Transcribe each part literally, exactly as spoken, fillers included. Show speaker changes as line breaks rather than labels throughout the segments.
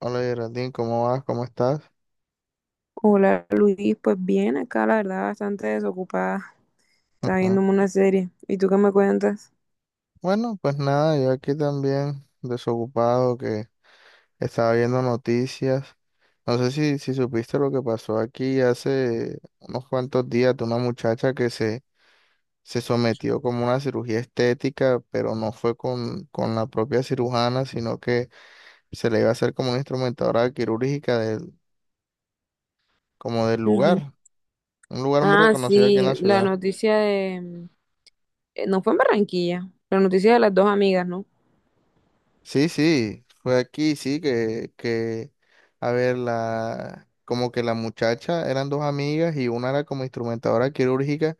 Hola Geraldine, ¿cómo vas? ¿Cómo estás?
Hola Luis, pues bien, acá la verdad bastante desocupada, estaba
Ujú.
viéndome una serie. ¿Y tú qué me cuentas?
Bueno, pues nada, yo aquí también desocupado que estaba viendo noticias. No sé si, si supiste lo que pasó aquí hace unos cuantos días de una muchacha que se, se sometió como una cirugía estética, pero no fue con, con la propia cirujana, sino que se le iba a hacer como una instrumentadora quirúrgica del, como del
Ujú.
lugar, un lugar muy
Ah,
reconocido aquí en
sí,
la
la
ciudad.
noticia de... mm, eh, No fue en Barranquilla, la noticia de las dos amigas, ¿no?
Sí, sí, fue aquí, sí, que, que, a ver, la, como que la muchacha eran dos amigas y una era como instrumentadora quirúrgica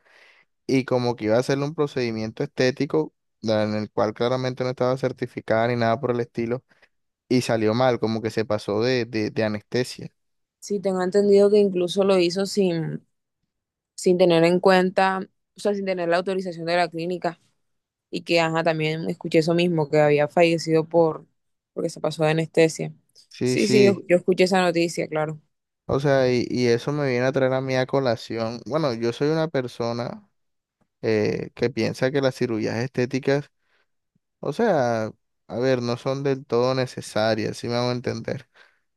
y como que iba a hacerle un procedimiento estético la- en el cual claramente no estaba certificada ni nada por el estilo y salió mal, como que se pasó de, de, de anestesia.
Sí, tengo entendido que incluso lo hizo sin, sin tener en cuenta, o sea, sin tener la autorización de la clínica y que, ajá, también escuché eso mismo, que había fallecido por, porque se pasó de anestesia.
Sí,
Sí, sí, yo,
sí,
yo escuché esa noticia, claro.
o sea, y, y eso me viene a traer a mí a colación. Bueno, yo soy una persona eh, que piensa que las cirugías estéticas, o sea, a ver, no son del todo necesarias, si me hago entender,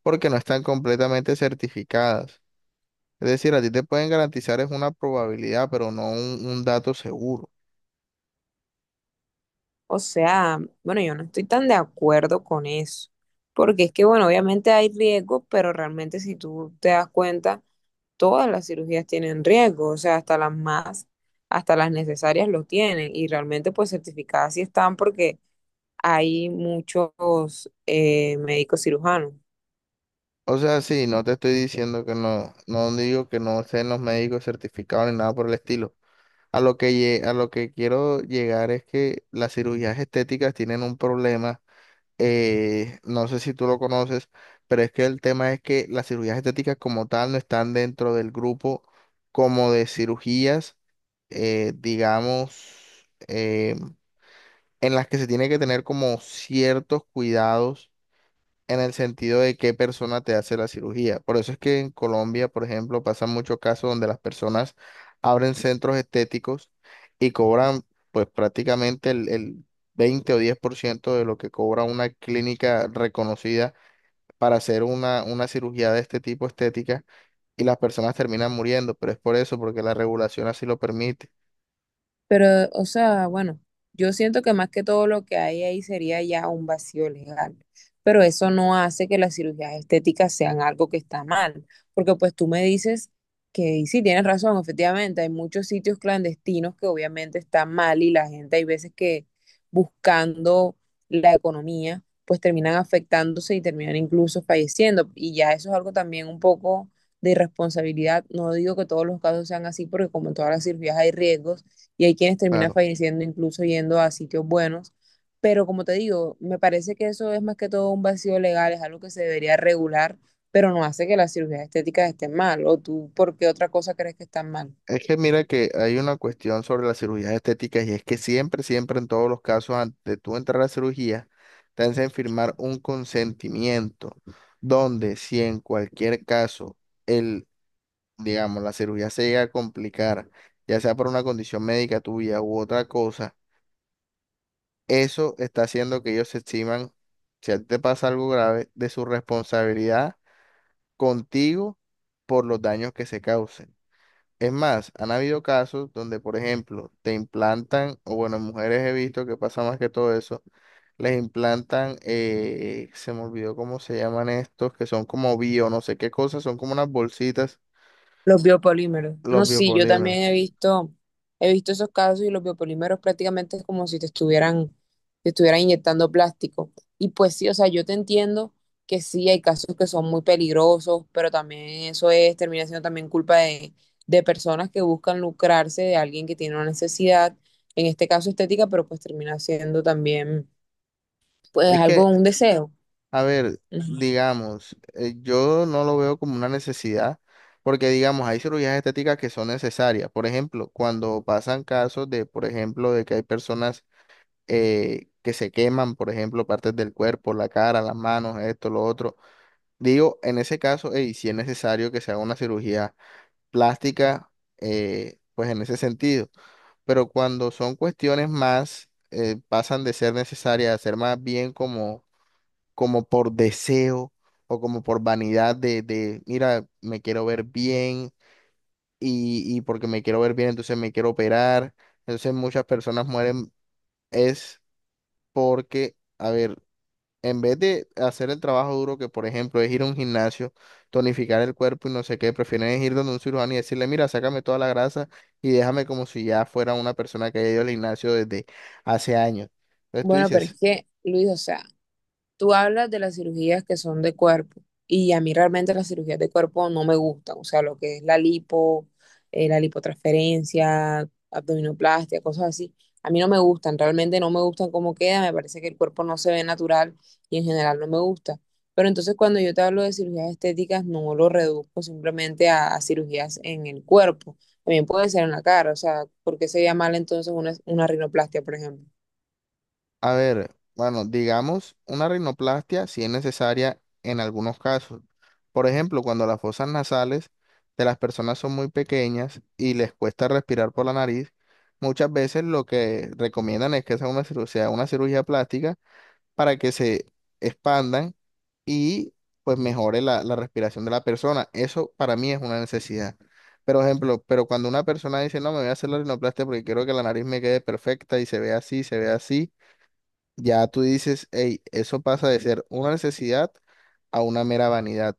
porque no están completamente certificadas. Es decir, a ti te pueden garantizar es una probabilidad, pero no un, un dato seguro.
O sea, bueno, yo no estoy tan de acuerdo con eso, porque es que, bueno, obviamente hay riesgos, pero realmente si tú te das cuenta, todas las cirugías tienen riesgo, o sea, hasta las más, hasta las necesarias lo tienen, y realmente pues certificadas sí están porque hay muchos eh, médicos cirujanos.
O sea, sí, no te estoy diciendo que no, no digo que no sean los médicos certificados ni nada por el estilo. A lo que, lle- a lo que quiero llegar es que las cirugías estéticas tienen un problema, eh, no sé si tú lo conoces, pero es que el tema es que las cirugías estéticas como tal no están dentro del grupo como de cirugías, eh, digamos, eh, en las que se tiene que tener como ciertos cuidados en el sentido de qué persona te hace la cirugía. Por eso es que en Colombia, por ejemplo, pasan muchos casos donde las personas abren centros estéticos y cobran pues prácticamente el, el veinte o diez por ciento de lo que cobra una clínica reconocida para hacer una, una cirugía de este tipo estética y las personas terminan muriendo, pero es por eso, porque la regulación así lo permite.
Pero, o sea, bueno, yo siento que más que todo lo que hay ahí sería ya un vacío legal, pero eso no hace que las cirugías estéticas sean algo que está mal, porque pues tú me dices que y sí, tienes razón, efectivamente, hay muchos sitios clandestinos que obviamente están mal y la gente hay veces que buscando la economía, pues terminan afectándose y terminan incluso falleciendo, y ya eso es algo también un poco de irresponsabilidad, no digo que todos los casos sean así, porque como en todas las cirugías hay riesgos, y hay quienes terminan
Claro.
falleciendo incluso yendo a sitios buenos. Pero como te digo, me parece que eso es más que todo un vacío legal, es algo que se debería regular, pero no hace que las cirugías estéticas estén mal. ¿O tú por qué otra cosa crees que están mal?
Es que mira que hay una cuestión sobre las cirugías estéticas y es que siempre, siempre en todos los casos, antes de tú entrar a la cirugía, te hacen firmar un consentimiento donde si en cualquier caso el, digamos, la cirugía se llega a complicar, ya sea por una condición médica tuya u otra cosa, eso está haciendo que ellos se eximan, si a ti te pasa algo grave, de su responsabilidad contigo por los daños que se causen. Es más, han habido casos donde, por ejemplo, te implantan, o bueno, en mujeres he visto que pasa más que todo eso, les implantan, eh, se me olvidó cómo se llaman estos, que son como bio, no sé qué cosas, son como unas bolsitas,
Los biopolímeros.
los
No, sí, yo
biopolímeros.
también he visto, he visto esos casos y los biopolímeros prácticamente es como si te estuvieran, te estuvieran inyectando plástico. Y pues sí, o sea, yo te entiendo que sí, hay casos que son muy peligrosos, pero también eso es, termina siendo también culpa de, de personas que buscan lucrarse de alguien que tiene una necesidad, en este caso estética, pero pues termina siendo también, pues
Es que,
algo, un deseo.
a ver,
Ujú.
digamos, eh, yo no lo veo como una necesidad, porque digamos, hay cirugías estéticas que son necesarias. Por ejemplo, cuando pasan casos de, por ejemplo, de que hay personas eh, que se queman, por ejemplo, partes del cuerpo, la cara, las manos, esto, lo otro. Digo, en ese caso, y si es necesario que se haga una cirugía plástica, eh, pues en ese sentido. Pero cuando son cuestiones más, eh, pasan de ser necesarias a ser más bien como, como por deseo o como por vanidad de, de, mira, me quiero ver bien y, y porque me quiero ver bien, entonces me quiero operar. Entonces muchas personas mueren es porque, a ver, en vez de hacer el trabajo duro que, por ejemplo, es ir a un gimnasio, tonificar el cuerpo y no sé qué, prefieren ir donde un cirujano y decirle, mira, sácame toda la grasa y déjame como si ya fuera una persona que haya ido al gimnasio desde hace años. Entonces tú
Bueno, pero es
dices,
que, Luis, o sea. Tú hablas de las cirugías que son de cuerpo y a mí realmente las cirugías de cuerpo no me gustan, o sea, lo que es la lipo, eh, la lipotransferencia, abdominoplastia, cosas así. A mí no me gustan, realmente no me gustan cómo queda, me parece que el cuerpo no se ve natural y en general no me gusta. Pero entonces cuando yo te hablo de cirugías estéticas, no lo reduzco simplemente a, a cirugías en el cuerpo, también puede ser en la cara, o sea, ¿por qué sería mal entonces una, una rinoplastia, por ejemplo?
a ver, bueno, digamos, una rinoplastia si es necesaria en algunos casos. Por ejemplo, cuando las fosas nasales de las personas son muy pequeñas y les cuesta respirar por la nariz, muchas veces lo que recomiendan es que sea una cirugía, una cirugía plástica para que se expandan y pues mejore la, la respiración de la persona. Eso para mí es una necesidad. Pero ejemplo, pero cuando una persona dice, no, me voy a hacer la rinoplastia porque quiero que la nariz me quede perfecta y se vea así, se vea así, ya tú dices, hey, eso pasa de ser una necesidad a una mera vanidad.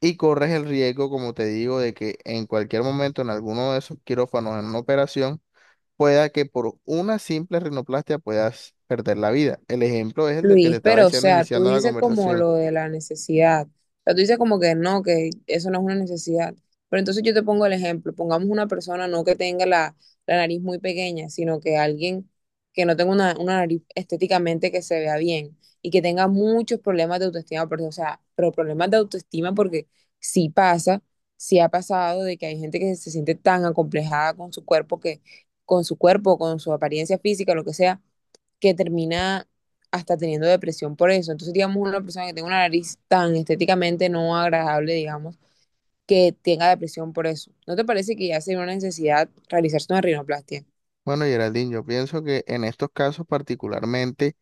Y corres el riesgo, como te digo, de que en cualquier momento en alguno de esos quirófanos, en una operación, pueda que por una simple rinoplastia puedas perder la vida. El ejemplo es el del que te
Luis,
estaba
pero o
diciendo
sea, tú
iniciando la
dices como
conversación.
lo de la necesidad. O sea, tú dices como que no, que eso no es una necesidad. Pero entonces yo te pongo el ejemplo. Pongamos una persona no que tenga la, la nariz muy pequeña, sino que alguien que no tenga una, una nariz estéticamente que se vea bien y que tenga muchos problemas de autoestima. Porque, o sea, pero problemas de autoestima porque sí pasa, sí ha pasado de que hay gente que se siente tan acomplejada con su cuerpo que, con su cuerpo, con su apariencia física, lo que sea que termina hasta teniendo depresión por eso. Entonces, digamos, una persona que tenga una nariz tan estéticamente no agradable, digamos, que tenga depresión por eso. ¿No te parece que ya sería una necesidad realizarse una rinoplastia?
Bueno, Geraldine, yo pienso que en estos casos particularmente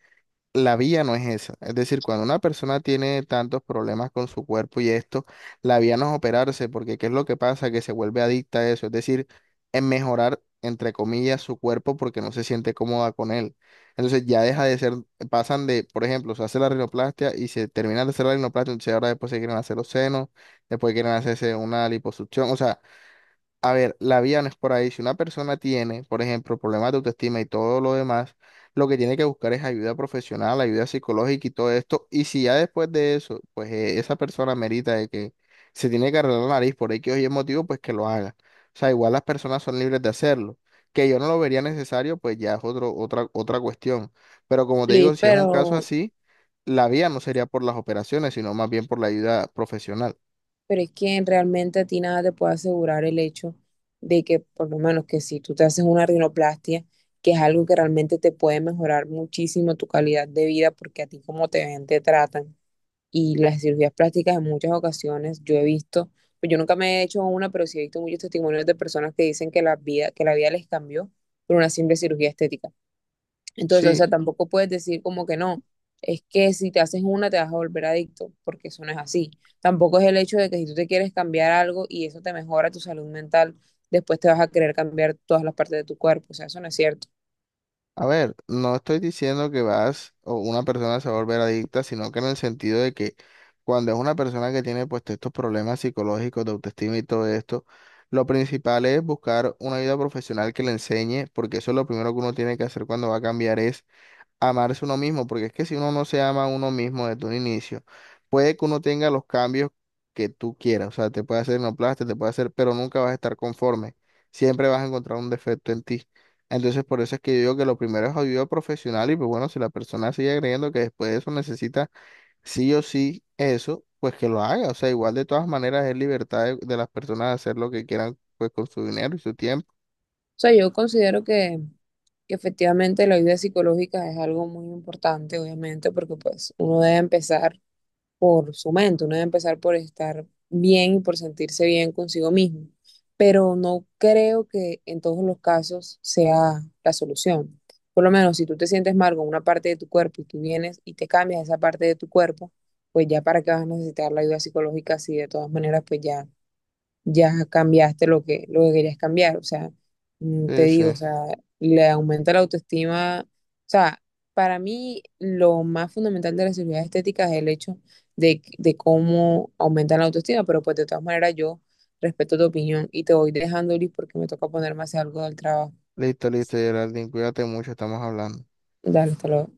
la vía no es esa. Es decir, cuando una persona tiene tantos problemas con su cuerpo y esto, la vía no es operarse, porque ¿qué es lo que pasa? Que se vuelve adicta a eso. Es decir, en mejorar, entre comillas, su cuerpo porque no se siente cómoda con él. Entonces ya deja de ser, pasan de, por ejemplo, se hace la rinoplastia y se termina de hacer la rinoplastia, entonces ahora después se quieren hacer los senos, después quieren hacerse una liposucción. O sea, a ver, la vía no es por ahí. Si una persona tiene, por ejemplo, problemas de autoestima y todo lo demás, lo que tiene que buscar es ayuda profesional, ayuda psicológica y todo esto. Y si ya después de eso, pues eh, esa persona merita de que se tiene que arreglar la nariz por X o Y motivo, pues que lo haga. O sea, igual las personas son libres de hacerlo. Que yo no lo vería necesario, pues ya es otro, otra, otra cuestión. Pero como te digo,
Luis,
si es un caso
pero,
así, la vía no sería por las operaciones, sino más bien por la ayuda profesional.
pero es que realmente a ti nada te puede asegurar el hecho de que, por lo menos, que si tú te haces una rinoplastia, que es algo que realmente te puede mejorar muchísimo tu calidad de vida, porque a ti como te ven, te tratan y las cirugías plásticas en muchas ocasiones yo he visto, pues yo nunca me he hecho una, pero sí he visto muchos testimonios de personas que dicen que la vida, que la vida les cambió por una simple cirugía estética. Entonces, o
Sí.
sea, tampoco puedes decir como que no, es que si te haces una te vas a volver adicto, porque eso no es así. Tampoco es el hecho de que si tú te quieres cambiar algo y eso te mejora tu salud mental, después te vas a querer cambiar todas las partes de tu cuerpo, o sea, eso no es cierto.
A ver, no estoy diciendo que vas o una persona se va a volver adicta, sino que en el sentido de que cuando es una persona que tiene pues estos problemas psicológicos de autoestima y todo esto, lo principal es buscar una ayuda profesional que le enseñe, porque eso es lo primero que uno tiene que hacer cuando va a cambiar es amarse uno mismo, porque es que si uno no se ama a uno mismo desde un inicio, puede que uno tenga los cambios que tú quieras, o sea, te puede hacer plástico te puede hacer, pero nunca vas a estar conforme, siempre vas a encontrar un defecto en ti. Entonces, por eso es que yo digo que lo primero es ayuda profesional y pues bueno, si la persona sigue creyendo que después de eso necesita sí o sí eso, pues que lo haga, o sea, igual de todas maneras es libertad de, de las personas de hacer lo que quieran pues con su dinero y su tiempo.
Sea, yo considero que, que efectivamente la ayuda psicológica es algo muy importante, obviamente, porque pues uno debe empezar por su mente, uno debe empezar por estar bien y por sentirse bien consigo mismo, pero no creo que en todos los casos sea la solución. Por lo menos si tú te sientes mal con una parte de tu cuerpo y tú vienes y te cambias esa parte de tu cuerpo, pues ya para qué vas a necesitar la ayuda psicológica si de todas maneras pues ya ya cambiaste lo que, lo que querías cambiar. O sea, mm, te
Sí, sí.
digo, o sea, le aumenta la autoestima. O sea, para mí lo más fundamental de la cirugía estética es el hecho de, que- de cómo aumenta la autoestima, pero pues de todas maneras yo respeto tu opinión y te voy dejando, Liz, porque me toca ponerme a hacer algo del trabajo.
Listo, listo, Geraldine, cuídate mucho, estamos hablando.
Dale, hasta luego.